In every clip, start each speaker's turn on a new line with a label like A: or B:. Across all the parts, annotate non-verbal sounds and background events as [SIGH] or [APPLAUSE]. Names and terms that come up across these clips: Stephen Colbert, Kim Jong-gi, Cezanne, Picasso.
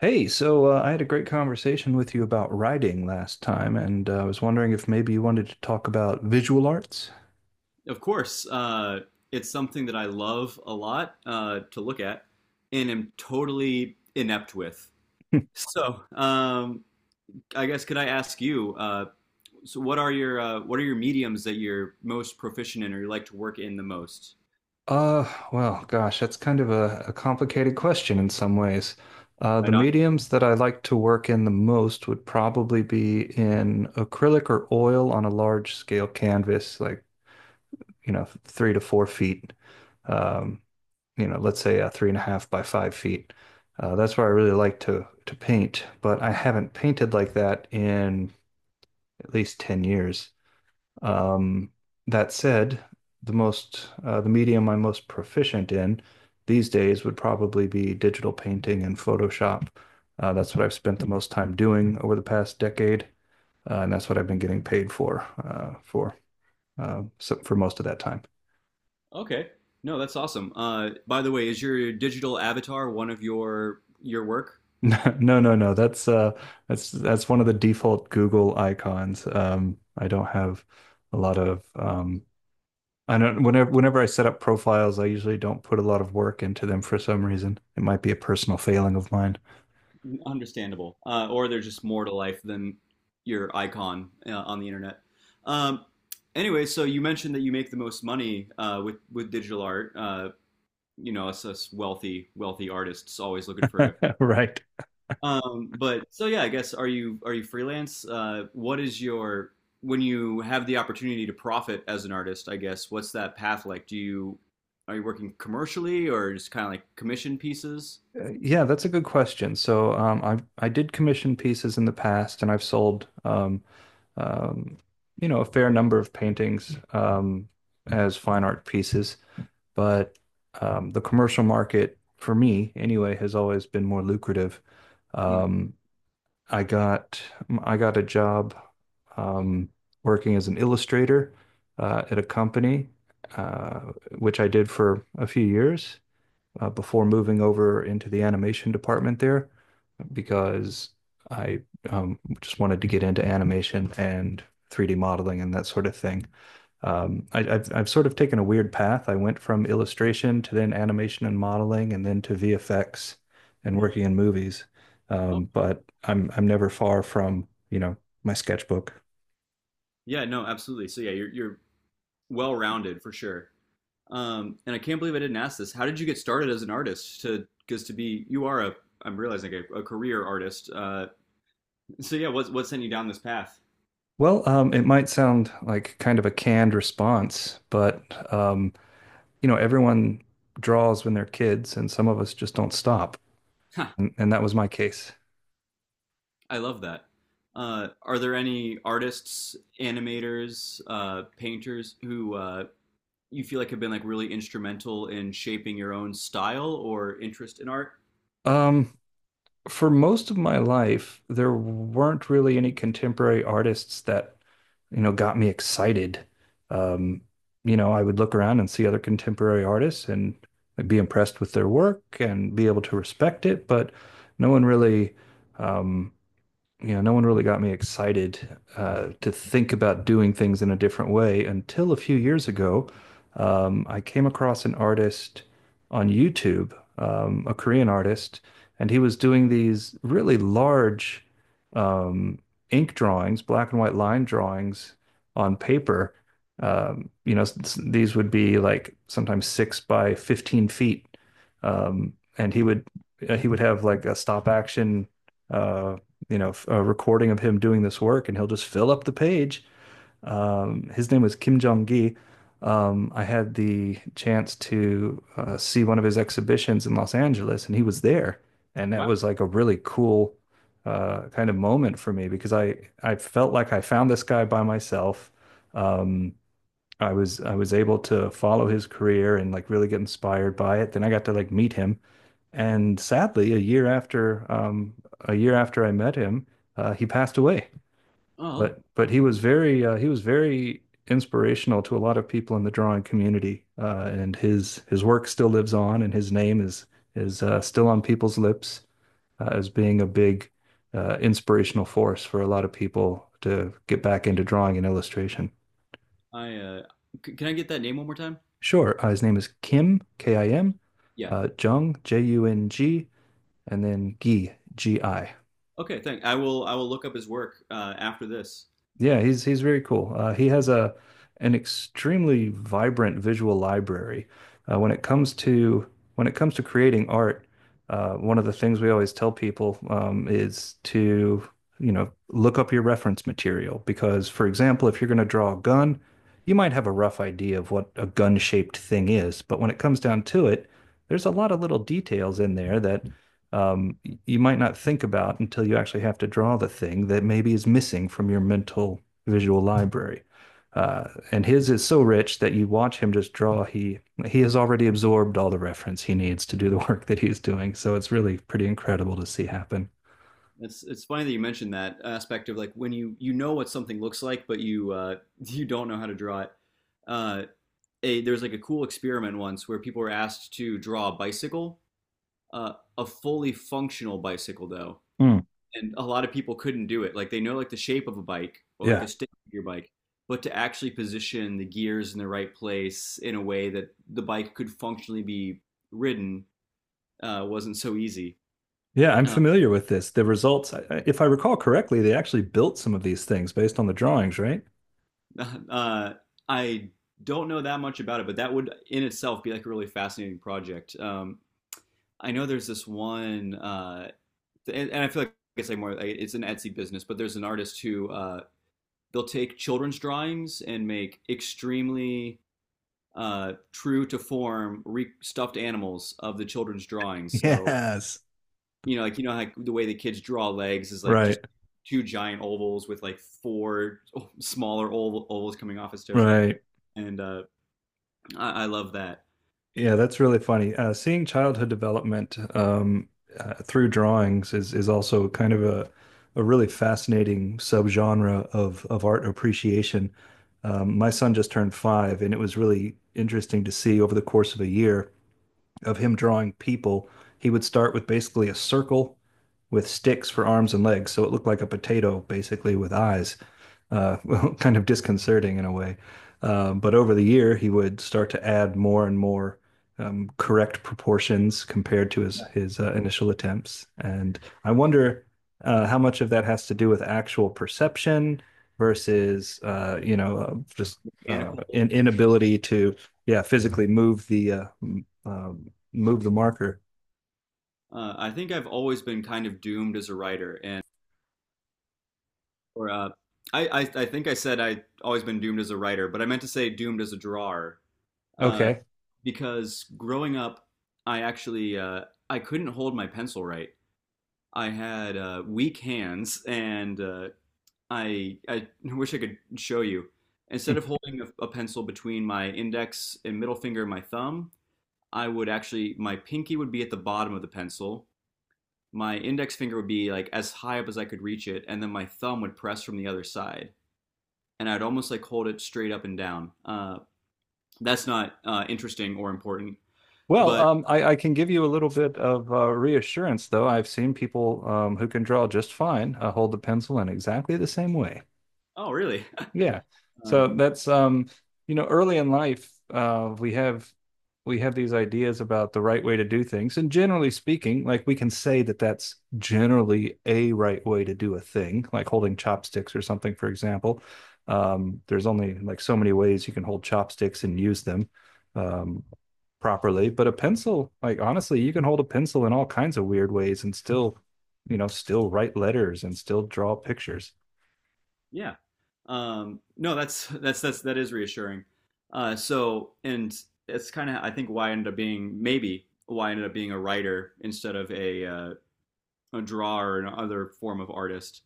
A: Hey, I had a great conversation with you about writing last time, and I was wondering if maybe you wanted to talk about visual arts?
B: Of course. It's something that I love a lot to look at and am totally inept with. So, um, I guess, could I ask you? What are your mediums that you're most proficient in, or you like to work in the most?
A: Well, gosh, that's kind of a complicated question in some ways. The
B: Right on.
A: mediums that I like to work in the most would probably be in acrylic or oil on a large scale canvas, like, you know, 3 to 4 feet. Um, you know, let's say a 3.5 by 5 feet. That's where I really like to paint, but I haven't painted like that in at least 10 years. Um, that said, the medium I'm most proficient in these days would probably be digital painting and Photoshop. That's what I've spent the most time doing over the past decade, and that's what I've been getting paid for so for most of that time.
B: Okay. No, that's awesome. By the way, is your digital avatar one of your work?
A: [LAUGHS] No, no, no. No. That's one of the default Google icons. I don't have a lot of um, I don't, whenever I set up profiles, I usually don't put a lot of work into them for some reason. It might be a personal failing of mine.
B: Understandable. Or there's just more to life than your icon on the internet. Um, anyway, so you mentioned that you make the most money with digital art. Us wealthy artists always looking for a.
A: [LAUGHS] Right.
B: But so yeah, I guess, are you freelance? What is your, when you have the opportunity to profit as an artist? I guess, what's that path like? Do you Are you working commercially or just kind of like commission pieces?
A: Yeah, that's a good question. So I did commission pieces in the past, and I've sold um, you know, a fair number of paintings as fine art pieces. But the commercial market for me, anyway, has always been more lucrative.
B: Mm.
A: Um, I got I got a job, um, working as an illustrator at a company, uh, which I did for a few years before moving over into the animation department there because I just wanted to get into animation and 3D modeling and that sort of thing. I've sort of taken a weird path. I went from illustration to then animation and modeling and then to VFX and
B: Mhm.
A: working in movies.
B: Oh,
A: But I'm never far from, you know, my sketchbook.
B: yeah, no, absolutely. So yeah, you're well-rounded for sure. And I can't believe I didn't ask this. How did you get started as an artist? To because to be you are a I'm realizing a career artist. [LAUGHS] So yeah, what sent you down this path?
A: Well, it might sound like kind of a canned response, but um, you know, everyone draws when they're kids, and some of us just don't stop.
B: Huh.
A: And that was my case.
B: I love that. Are there any artists, animators, painters who you feel like have been like really instrumental in shaping your own style or interest in art?
A: Um, for most of my life, there weren't really any contemporary artists that, you know, got me excited. Um, you know, I would look around and see other contemporary artists and I'd be impressed with their work and be able to respect it, but no one really, um, you know, no one really got me excited to think about doing things in a different way until a few years ago. I came across an artist on YouTube, a Korean artist, and he was doing these really large um, ink drawings, black and white line drawings on paper. Um, you know, s- these would be like sometimes 6 by 15 feet. Um, and he would, he would have like a stop action, uh, you know, a recording of him doing this work, and he'll just fill up the page. His name was Kim Jong-gi. I had the chance to see one of his exhibitions in Los Angeles, and he was there, and that
B: Wow.
A: was like a really cool kind of moment for me because I felt like I found this guy by myself. Um, I was able to follow his career and like really get inspired by it. Then I got to like meet him, and sadly, a year after I met him, he passed away.
B: Oh,
A: But he was very inspirational to a lot of people in the drawing community. And his work still lives on, and his name is still on people's lips as being a big inspirational force for a lot of people to get back into drawing and illustration.
B: I can I get that name one more time?
A: Sure, his name is Kim, K I M,
B: Yeah.
A: Jung, J U N G, and then Gi, G I.
B: Okay, thank. I will. I will look up his work after this.
A: Yeah, he's very cool. He has a an extremely vibrant visual library. Uh, when it comes to when it comes to creating art, one of the things we always tell people is to, you know, look up your reference material because, for example, if you're going to draw a gun, you might have a rough idea of what a gun-shaped thing is, but when it comes down to it, there's a lot of little details in there that um, you might not think about until you actually have to draw the thing that maybe is missing from your mental visual library. And his is so rich that you watch him just draw. He has already absorbed all the reference he needs to do the [LAUGHS] work that he's doing. So it's really pretty incredible to see happen.
B: It's funny that you mentioned that aspect of like when you know what something looks like, but you [LAUGHS] you don't know how to draw it. Uh, a There's like a cool experiment once where people were asked to draw a bicycle, uh, a fully functional bicycle though,
A: Hmm.
B: and a lot of people couldn't do it. Like, they know like the shape of a bike or like
A: Yeah.
B: a stick of your bike, but to actually position the gears in the right place in a way that the bike could functionally be ridden wasn't so easy.
A: Yeah, I'm
B: Uh,
A: familiar with this. The results, if I recall correctly, they actually built some of these things based on the drawings, right?
B: [LAUGHS] uh, I don't know that much about it, but that would in itself be like a really fascinating project. I know there's this one, and I feel like it's like more like, it's an Etsy business, but there's an artist who they'll take children's drawings and make extremely true to form stuffed animals of the children's drawings. So
A: Yes.
B: you know, like, you know, like the way the kids draw legs is like just
A: Right,
B: two giant ovals with like four [LAUGHS] smaller ovals coming off his toes,
A: right.
B: and I love that.
A: Yeah, that's really funny. Seeing childhood development, through drawings is also kind of a really fascinating subgenre of art appreciation. My son just turned 5, and it was really interesting to see over the course of a year of him drawing people. He would start with basically a circle with sticks for arms and legs. So it looked like a potato, basically, with eyes. [LAUGHS] Well, kind of disconcerting in a way. But over the year, he would start to add more and more correct proportions compared to his
B: Yeah.
A: his uh, initial attempts. And I wonder how much of that has to do with actual perception versus, you know, just
B: Mechanical.
A: inability to, yeah, physically move the marker.
B: I think I've always been kind of doomed as a writer, and or I think I said I always been doomed as a writer, but I meant to say doomed as a drawer uh,
A: Okay.
B: because growing up, I actually I couldn't hold my pencil right. I had weak hands, and I wish I could show you. Instead of holding a pencil between my index and middle finger and my thumb, I would actually, my pinky would be at the bottom of the pencil. My index finger would be like as high up as I could reach it, and then my thumb would press from the other side, and I'd almost like hold it straight up and down. That's not interesting or important,
A: Well,
B: but
A: I can give you a little bit of reassurance, though. I've seen people who can draw just fine hold the pencil in exactly the same way.
B: oh, really? [LAUGHS]
A: Yeah.
B: Um,
A: So that's You know, early in life, we have, we have these ideas about the right way to do things, and generally speaking, like we can say that that's generally a right way to do a thing, like holding chopsticks or something, for example. There's only like so many ways you can hold chopsticks and use them um, properly, but a pencil, like honestly, you can hold a pencil in all kinds of weird ways and still, you know, still write letters and still draw pictures.
B: Yeah. No, that's that's that is reassuring. So, and it's kind of, I think, why I ended up being, maybe why I ended up being a writer instead of a drawer or another form of artist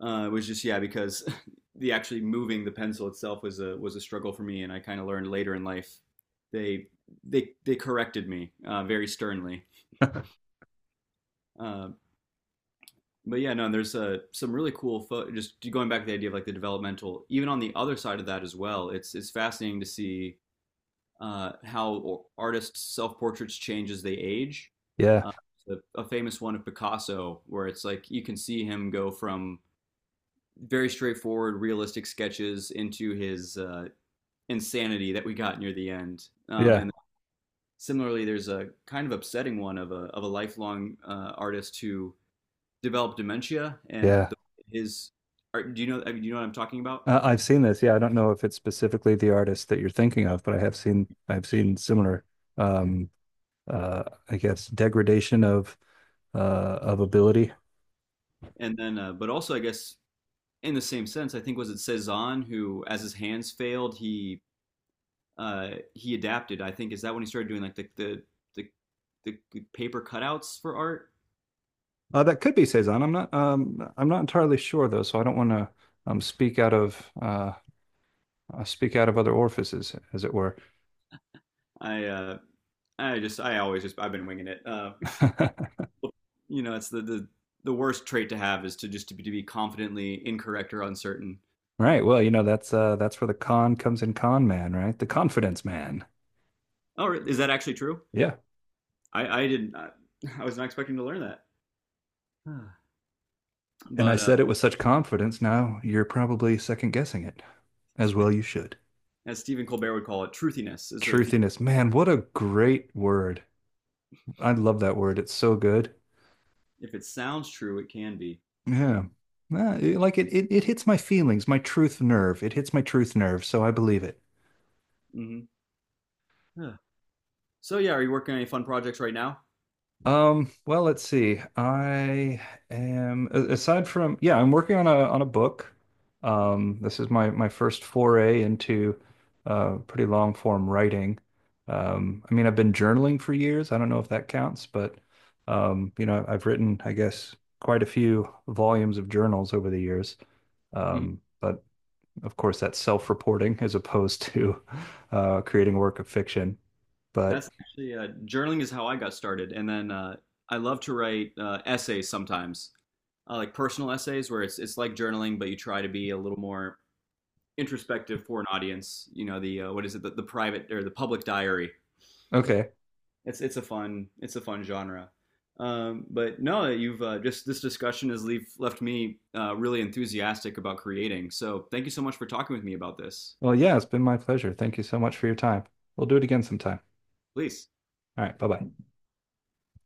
B: was just, yeah, because [LAUGHS] the actually moving the pencil itself was a struggle for me, and I kind of learned later in life they they corrected me very sternly
A: [LAUGHS]
B: uh, but yeah, no, and there's some really cool just going back to the idea of like the developmental, even on the other side of that as well. It's fascinating to see how artists' self-portraits change as they age.
A: Yeah,
B: Uh, a famous one of Picasso, where it's like you can see him go from very straightforward, realistic sketches into his insanity that we got near the end.
A: yeah,
B: And similarly, there's a kind of upsetting one of a lifelong artist who developed dementia, and
A: yeah.
B: his art. Do you know, I mean, do you know what I'm talking about?
A: I've seen this. Yeah, I don't know if it's specifically the artist that you're thinking of, but I have seen similar um I guess, degradation uh, of ability.
B: And then, but also I guess in the same sense, I think, was it Cezanne who, as his hands failed, he adapted. I think, is that when he started doing like the paper cutouts for art?
A: That could be Cezanne. I'm not entirely sure though, so I don't want to speak out of, speak out of other orifices, as it were.
B: I just I always just I've been winging it.
A: [LAUGHS]
B: [LAUGHS] You know, it's the worst trait to have is to just to be confidently incorrect or uncertain.
A: Right. Well, you know, that's where the con comes in, con man, right? The confidence man.
B: Oh, is that actually true?
A: Yeah.
B: I didn't I, [LAUGHS] I was not expecting to learn that.
A: And I
B: But
A: said it with such confidence. Now you're probably second guessing it, as well you should.
B: as Stephen Colbert would call it, truthiness.
A: Truthiness. Man, what a great word. I love that word. It's so good.
B: If it sounds true, it can be.
A: Yeah. Ah, like it hits my feelings, my truth nerve. It hits my truth nerve, so I believe it.
B: Hmm. So yeah, are you working on any fun projects right now?
A: Well, let's see. Aside from, yeah, I'm working on a book. This is my first foray into pretty long form writing. I mean, I've been journaling for years. I don't know if that counts, but you know, I've written, I guess, quite a few volumes of journals over the years.
B: Hmm.
A: But of course, that's self-reporting as opposed to [LAUGHS] creating a work of fiction. But
B: That's actually journaling is how I got started, and then I love to write essays sometimes, like personal essays where it's like journaling, but you try to be a little more introspective for an audience. You know, the what is it the private or the public diary,
A: okay.
B: it's a fun genre. But no, you've just this discussion has left me really enthusiastic about creating. So thank you so much for talking with me about this.
A: Well, yeah, it's been my pleasure. Thank you so much for your time. We'll do it again sometime.
B: Please.
A: All right, bye-bye.